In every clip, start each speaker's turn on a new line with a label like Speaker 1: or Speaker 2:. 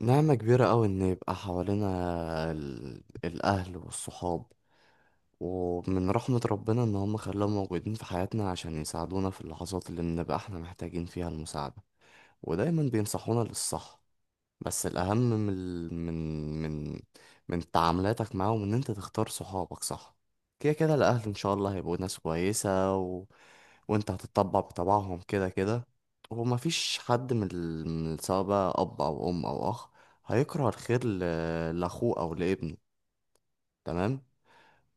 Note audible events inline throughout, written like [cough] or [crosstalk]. Speaker 1: نعمة كبيرة أوي إن يبقى حوالينا الأهل والصحاب. ومن رحمة ربنا إن هم خلاهم موجودين في حياتنا عشان يساعدونا في اللحظات اللي بنبقى إحنا محتاجين فيها المساعدة، ودايما بينصحونا للصح. بس الأهم من ال- من من من تعاملاتك معاهم إن أنت تختار صحابك صح. كده كده الأهل إن شاء الله هيبقوا ناس كويسة، وانت هتطبع بطبعهم كده كده. ومفيش حد من، سواء بقى اب او ام او اخ، هيكره الخير لاخوه او لابنه، تمام؟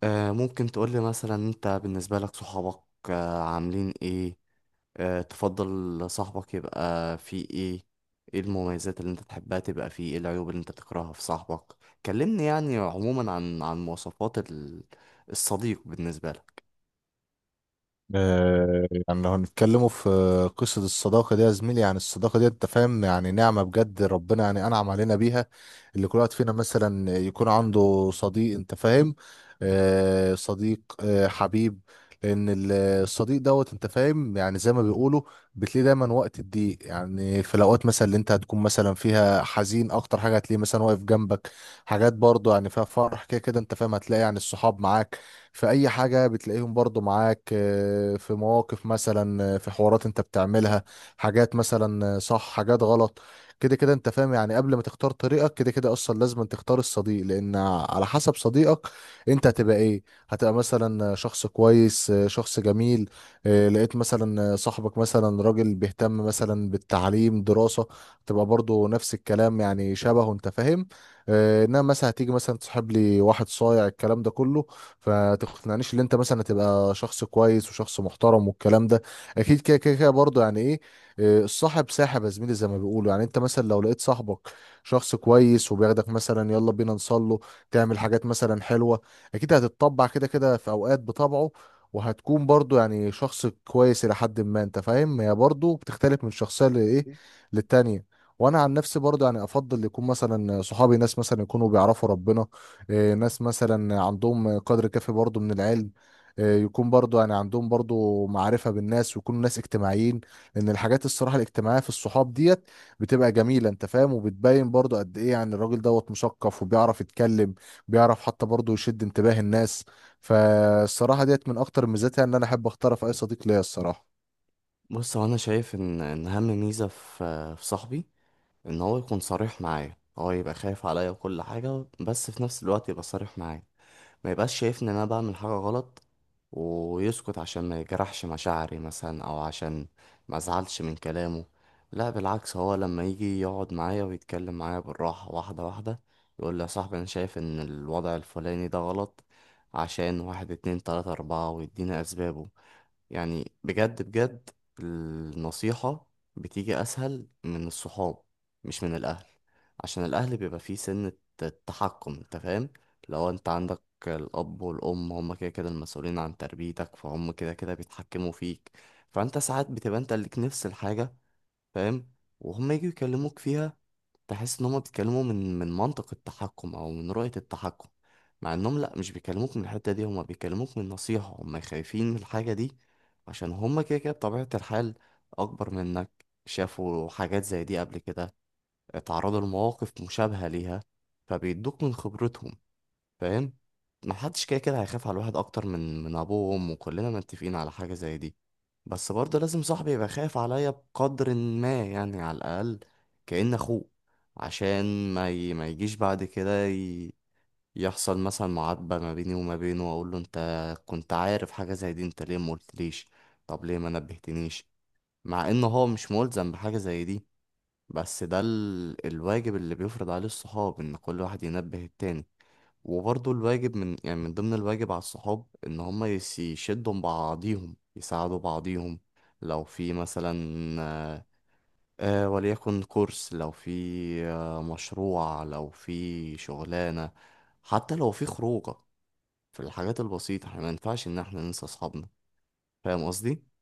Speaker 1: آه، ممكن تقولي مثلا انت بالنسبة لك صحابك آه عاملين ايه؟ آه، تفضل صاحبك يبقى فيه ايه؟ ايه المميزات اللي انت تحبها تبقى فيه؟ ايه العيوب اللي انت تكرهها في صاحبك؟ كلمني يعني عموما عن مواصفات الصديق بالنسبة لك.
Speaker 2: يعني لو هنتكلموا في قصة الصداقة دي يا زميلي. يعني الصداقة دي انت فاهم، يعني نعمة بجد، ربنا يعني أنعم علينا بيها، اللي كل واحد فينا مثلا يكون عنده صديق انت فاهم. صديق، حبيب. لأن الصديق دوت انت فاهم، يعني زي ما بيقولوا بتلاقيه دايما وقت الضيق. يعني في الأوقات مثلا اللي انت هتكون مثلا فيها حزين، أكتر حاجة هتلاقيه مثلا واقف جنبك. حاجات برضه يعني فيها فرح، كده كده انت فاهم هتلاقي يعني الصحاب معاك في اي حاجة، بتلاقيهم برضو معاك في مواقف مثلا، في حوارات انت بتعملها، حاجات مثلا صح، حاجات غلط. كده كده انت فاهم، يعني قبل ما تختار طريقك كده كده اصلا لازم أن تختار الصديق، لان على حسب صديقك انت هتبقى ايه. هتبقى مثلا شخص كويس، شخص جميل. لقيت مثلا صاحبك مثلا راجل بيهتم مثلا بالتعليم دراسة، تبقى برضو نفس الكلام يعني شبهه انت فاهم. انما مثلا هتيجي مثلا تصاحب لي واحد صايع الكلام ده كله، فتقنعنيش ان انت مثلا تبقى شخص كويس وشخص محترم والكلام ده، اكيد كده كده برضه يعني ايه، الصاحب ساحب يا زميلي زي ما بيقولوا. يعني انت مثلا لو لقيت صاحبك شخص كويس وبياخدك مثلا يلا بينا نصله، تعمل حاجات مثلا حلوة، اكيد هتتطبع كده كده في اوقات بطبعه، وهتكون برضو يعني شخص كويس الى حد ما انت فاهم. هي برضو بتختلف من شخصية لايه للتانية. وانا عن نفسي برضو يعني افضل يكون مثلا صحابي ناس مثلا يكونوا بيعرفوا ربنا، ناس مثلا عندهم قدر كافي برضو من العلم، يكون برضو يعني عندهم برضو معرفة بالناس ويكونوا ناس اجتماعيين. لأن الحاجات الصراحة الاجتماعية في الصحاب ديت بتبقى جميلة أنت فاهم، وبتبين برضو قد إيه يعني الراجل دوت مثقف وبيعرف يتكلم، بيعرف حتى برضو يشد انتباه الناس. فالصراحة ديت من أكتر ميزاتها إن أنا أحب أختار في أي صديق ليا الصراحة.
Speaker 1: بص، هو انا شايف ان اهم ميزة في صاحبي ان هو يكون صريح معايا، هو يبقى خايف عليا وكل حاجه، بس في نفس الوقت يبقى صريح معايا. ما يبقاش شايفني ان انا بعمل حاجه غلط ويسكت عشان ما يجرحش مشاعري مثلا او عشان ما ازعلش من كلامه. لا، بالعكس، هو لما يجي يقعد معايا ويتكلم معايا بالراحه واحده واحده، يقول لي يا صاحبي انا شايف ان الوضع الفلاني ده غلط عشان واحد اتنين تلاته اربعة، ويديني اسبابه. يعني بجد بجد، النصيحة بتيجي أسهل من الصحاب مش من الأهل. عشان الأهل بيبقى فيه سنة التحكم، أنت فاهم؟ لو أنت عندك الأب والأم، هما كده كده المسؤولين عن تربيتك، فهم كده كده بيتحكموا فيك. فأنت ساعات بتبقى أنت ليك نفس الحاجة، فاهم؟ وهم يجوا يكلموك فيها، تحس ان هم بيتكلموا من منطق التحكم او من رؤية التحكم، مع انهم لا، مش بيكلموك من الحتة دي، هم بيكلموك من نصيحة، هم خايفين من الحاجة دي. عشان هم كده كده بطبيعة الحال اكبر منك، شافوا حاجات زي دي قبل كده، اتعرضوا لمواقف مشابهة ليها، فبيدوك من خبرتهم، فاهم؟ ما حدش كده كده هيخاف على الواحد اكتر من ابوه وامه، كلنا متفقين على حاجه زي دي. بس برضه لازم صاحبي يبقى خايف عليا بقدر ما، يعني على الاقل كأن اخوه، عشان ما يجيش بعد كده يحصل مثلا معاتبه ما بيني وما بينه، واقول له انت كنت عارف حاجه زي دي، انت ليه ما قلتليش؟ طب ليه ما نبهتنيش؟ مع ان هو مش ملزم بحاجه زي دي، بس ده الواجب اللي بيفرض عليه الصحاب، ان كل واحد ينبه التاني. وبرضه الواجب، من يعني من ضمن الواجب على الصحاب، ان هما يشدوا بعضيهم، يساعدوا بعضيهم لو في مثلا، آه، وليكن كورس، لو في مشروع، لو في شغلانة، حتى لو في خروجة. في الحاجات البسيطة احنا ما ينفعش ان احنا ننسى اصحابنا. فاهم قصدي؟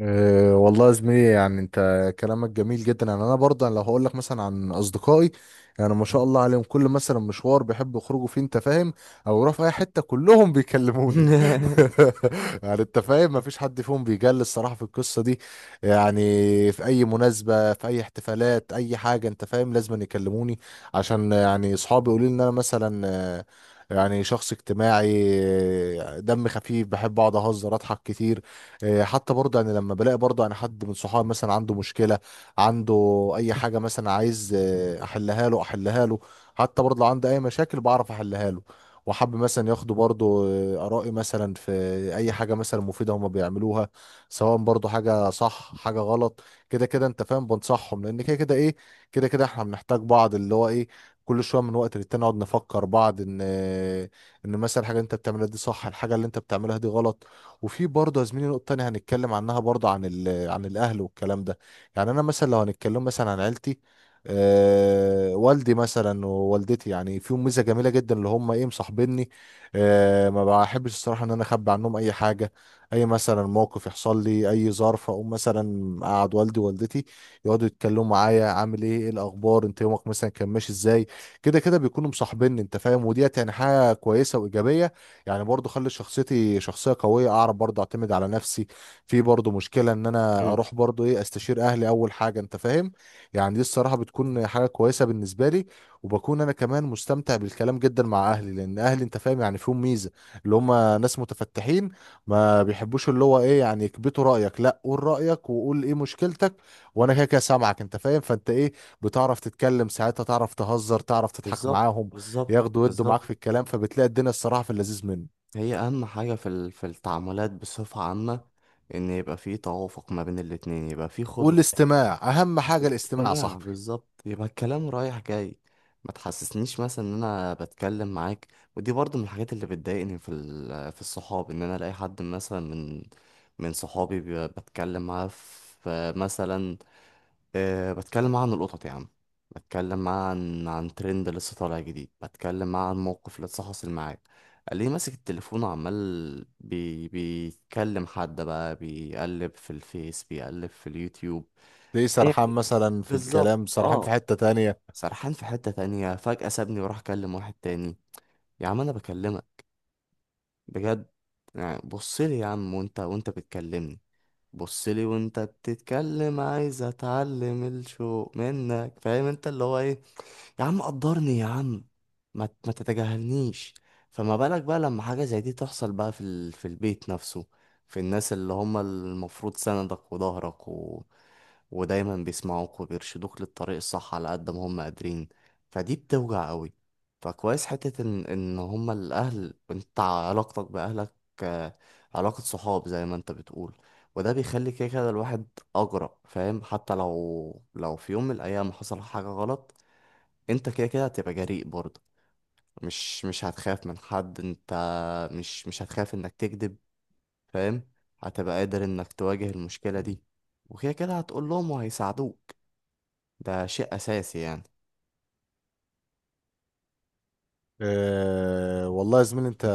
Speaker 2: أه والله يا زميلي، يعني انت كلامك جميل جدا. يعني انا برضه يعني لو هقول لك مثلا عن اصدقائي، يعني ما شاء الله عليهم كل مثلا مشوار بيحبوا يخرجوا فيه انت فاهم، او يروحوا في اي حته كلهم بيكلموني.
Speaker 1: [laughs]
Speaker 2: [laughs] يعني انت فاهم ما فيش حد فيهم بيجل الصراحه في القصه دي. يعني في اي مناسبه، في اي احتفالات، اي حاجه انت فاهم لازم يكلموني. عشان يعني اصحابي يقولوا لي ان انا مثلا يعني شخص اجتماعي، دم خفيف بحب اقعد اهزر اضحك كتير. حتى برضه يعني لما بلاقي برضه يعني حد من صحابي مثلا عنده مشكلة، عنده أي حاجة مثلا عايز أحلها له، أحلها له. حتى برضه لو عنده أي مشاكل بعرف أحلها له. وحابب مثلا ياخدوا برضه آرائي مثلا في أي حاجة مثلا مفيدة هما بيعملوها، سواء برضه حاجة صح حاجة غلط. كده كده أنت فاهم بنصحهم، لأن كده كده إيه، كده كده إحنا بنحتاج بعض اللي هو إيه، كل شوية من وقت للتاني نقعد نفكر بعض إن إن مثلا الحاجة اللي أنت بتعملها دي صح، الحاجة اللي أنت بتعملها دي غلط. وفي برضه يا زميلي نقطة تانية هنتكلم عنها برضه عن عن الأهل والكلام ده. يعني أنا مثلا لو هنتكلم مثلا عن عيلتي، أه والدي مثلا ووالدتي يعني فيهم ميزة جميلة جدا اللي هم إيه مصاحبيني. أه ما بحبش الصراحة إن أنا أخبي عنهم أي حاجة. أي مثلا موقف يحصل لي، أي ظرف، أقوم مثلا أقعد والدي ووالدتي يقعدوا يتكلموا معايا عامل إيه، إيه الأخبار، أنت يومك مثلا كان ماشي إزاي. كده كده بيكونوا مصاحبيني أنت فاهم، وديت يعني حاجة كويسة وإيجابية. يعني برضو خلي شخصيتي شخصية قوية، اعرف برضو اعتمد على نفسي، في برضو مشكلة ان انا
Speaker 1: مم.
Speaker 2: اروح برضو ايه استشير اهلي اول حاجة انت فاهم. يعني دي الصراحة بتكون حاجة كويسة بالنسبة لي. وبكون انا كمان مستمتع بالكلام جدا مع اهلي، لان اهلي انت فاهم يعني فيهم ميزة اللي هم ناس متفتحين، ما بيحبوش اللي هو ايه يعني يكبتوا رأيك. لا قول رأيك وقول ايه مشكلتك، وانا كده كده سامعك انت فاهم. فانت ايه بتعرف تتكلم ساعتها، تعرف تهزر، تعرف تضحك
Speaker 1: بالظبط
Speaker 2: معاهم،
Speaker 1: بالظبط
Speaker 2: ياخدوا يدوا معاك
Speaker 1: بالظبط.
Speaker 2: في الكلام، فبتلاقي الدنيا الصراحة في اللذيذ منه.
Speaker 1: هي اهم حاجه في التعاملات بصفه عامه ان يبقى في توافق ما بين الاتنين، يبقى في خد وهات.
Speaker 2: والاستماع اهم حاجه، الاستماع يا
Speaker 1: استماع
Speaker 2: صاحبي.
Speaker 1: بالظبط، يبقى الكلام رايح جاي، ما تحسسنيش مثلا ان انا بتكلم معاك. ودي برضو من الحاجات اللي بتضايقني في الصحاب، ان انا الاقي حد مثلا من صحابي بتكلم معاه في مثلا، بتكلم معاه عن القطط يا عم، بتكلم معاه عن ترند لسه طالع جديد، بتكلم معاه عن موقف لسه حاصل معاه، ليه ماسك التليفون وعمال بيتكلم حد بقى، بيقلب في الفيس، بيقلب في اليوتيوب.
Speaker 2: ليه
Speaker 1: هي
Speaker 2: سرحان مثلا في
Speaker 1: بالظبط،
Speaker 2: الكلام، سرحان في
Speaker 1: اه،
Speaker 2: حته تانية.
Speaker 1: سرحان في حتة تانية فجأة سابني وراح كلم واحد تاني. يا عم انا بكلمك بجد، يعني بصلي يا عم وانت بتكلمني، بصلي وانت بتتكلم عايز اتعلم الشوق منك، فاهم انت اللي هو ايه؟ يا عم قدرني يا عم، ما تتجاهلنيش. فما بالك بقى لما حاجة زي دي تحصل بقى في البيت نفسه، في الناس اللي هم المفروض سندك وظهرك ودايما بيسمعوك وبيرشدوك للطريق الصح على قد ما هم قادرين؟ فدي بتوجع قوي. فكويس حتة ان هم الاهل، انت علاقتك باهلك آه، علاقة صحاب زي ما انت بتقول. وده بيخلي كده كده الواحد اجرأ، فاهم؟ حتى لو في يوم من الايام حصل حاجة غلط، انت كده كده هتبقى جريء برضه، مش هتخاف من حد، انت مش هتخاف انك تكذب. فاهم؟ هتبقى قادر انك تواجه المشكلة دي، وكده كده هتقول لهم وهيساعدوك. ده شيء أساسي يعني.
Speaker 2: أه والله يا زميلي، انت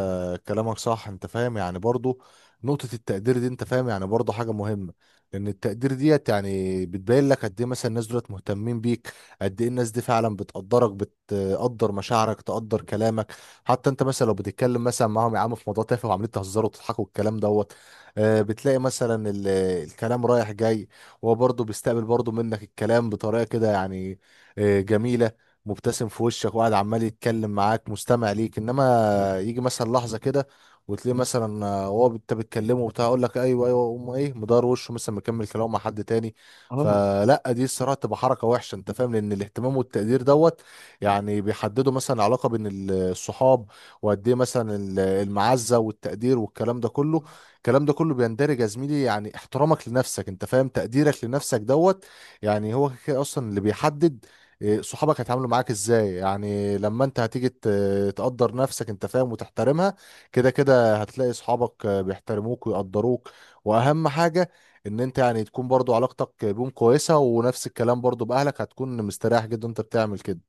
Speaker 2: كلامك صح انت فاهم. يعني برضو نقطة التقدير دي انت فاهم يعني برضو حاجة مهمة. لان التقدير ديت يعني بتبين لك قد ايه مثلا الناس دولت مهتمين بيك، قد ايه الناس دي فعلا بتقدرك، بتقدر مشاعرك، تقدر كلامك. حتى انت مثلا لو بتتكلم مثلا معاهم يا عم في موضوع تافه وعمالين تهزروا وتضحكوا والكلام دوت، أه بتلاقي مثلا الكلام رايح جاي، وهو برضو بيستقبل برضو منك الكلام بطريقة كده يعني أه جميلة، مبتسم في وشك وقاعد عمال يتكلم معاك مستمع ليك. انما يجي مثلا لحظه كده وتلاقيه مثلا هو انت بتكلمه وبتاع يقول لك ايوه ايوه، وأقوم ايه مدار وشه مثلا مكمل كلامه مع حد تاني.
Speaker 1: اه،
Speaker 2: فلا دي الصراحه تبقى حركه وحشه انت فاهم. لان الاهتمام والتقدير دوت يعني بيحددوا مثلا علاقه بين الصحاب، وقد ايه مثلا المعزه والتقدير والكلام ده كله.
Speaker 1: كله.
Speaker 2: الكلام ده كله بيندرج يا زميلي، يعني احترامك لنفسك انت فاهم، تقديرك لنفسك دوت يعني هو كده اصلا اللي بيحدد صحابك هيتعاملوا معاك ازاي. يعني لما انت هتيجي تقدر نفسك انت فاهم وتحترمها، كده كده هتلاقي صحابك بيحترموك ويقدروك. واهم حاجة ان انت يعني تكون برضو علاقتك بيهم كويسة، ونفس الكلام برضو باهلك هتكون مستريح جدا انت بتعمل كده.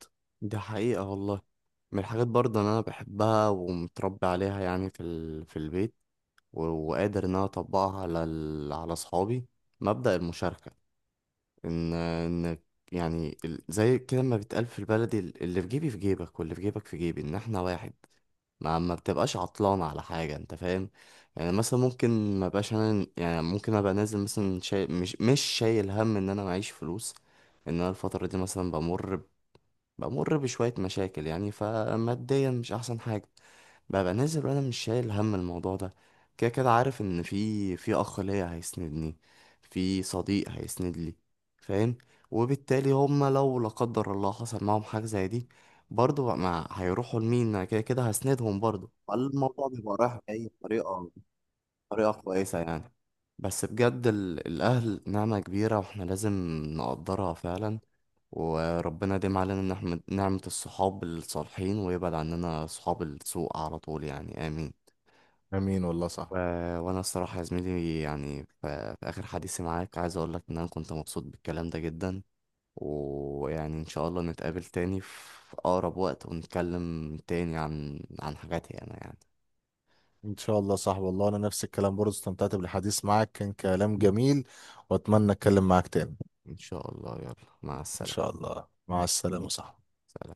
Speaker 1: دي حقيقة والله. من الحاجات برضه إن أنا بحبها ومتربي عليها يعني في البيت، وقادر إن أنا أطبقها على أصحابي، مبدأ المشاركة، ان انك يعني، زي كده ما بيتقال في البلد، اللي في جيبي في جيبك واللي في جيبك في جيبي، ان احنا واحد، ما بتبقاش عطلان على حاجة، انت فاهم؟ يعني مثلا ممكن ما بقاش انا، يعني ممكن ابقى نازل مثلا شايل، مش شايل هم ان انا معيش فلوس، ان انا الفترة دي مثلا بمر بشوية مشاكل، يعني فماديا مش أحسن حاجة، ببقى نازل وأنا مش شايل هم الموضوع ده. كده كده عارف إن في أخ ليا هيسندني، في صديق هيسند لي، فاهم؟ وبالتالي هما لو لا قدر الله حصل معاهم حاجة زي دي، برضه بقى ما هيروحوا لمين؟ أنا كده كده هسندهم برضه، فالموضوع بيبقى رايح جاي بطريقة كويسة يعني. بس بجد الأهل نعمة كبيرة وإحنا لازم نقدرها فعلا، وربنا يديم علينا نعمة الصحاب الصالحين ويبعد عننا صحاب السوء على طول يعني، آمين.
Speaker 2: امين والله
Speaker 1: و...
Speaker 2: صح.
Speaker 1: وأنا الصراحة يا زميلي يعني في آخر حديثي معاك عايز أقولك إن أنا كنت مبسوط بالكلام ده جدا، ويعني إن شاء الله نتقابل تاني في أقرب وقت ونتكلم تاني عن حاجاتي أنا يعني.
Speaker 2: ان شاء الله صح، والله انا نفس الكلام برضو استمتعت بالحديث معاك، كان كلام جميل واتمنى اتكلم معاك تاني.
Speaker 1: إن شاء الله، يلا، مع
Speaker 2: ان
Speaker 1: السلامة.
Speaker 2: شاء الله، مع السلامة صح.
Speaker 1: سلام.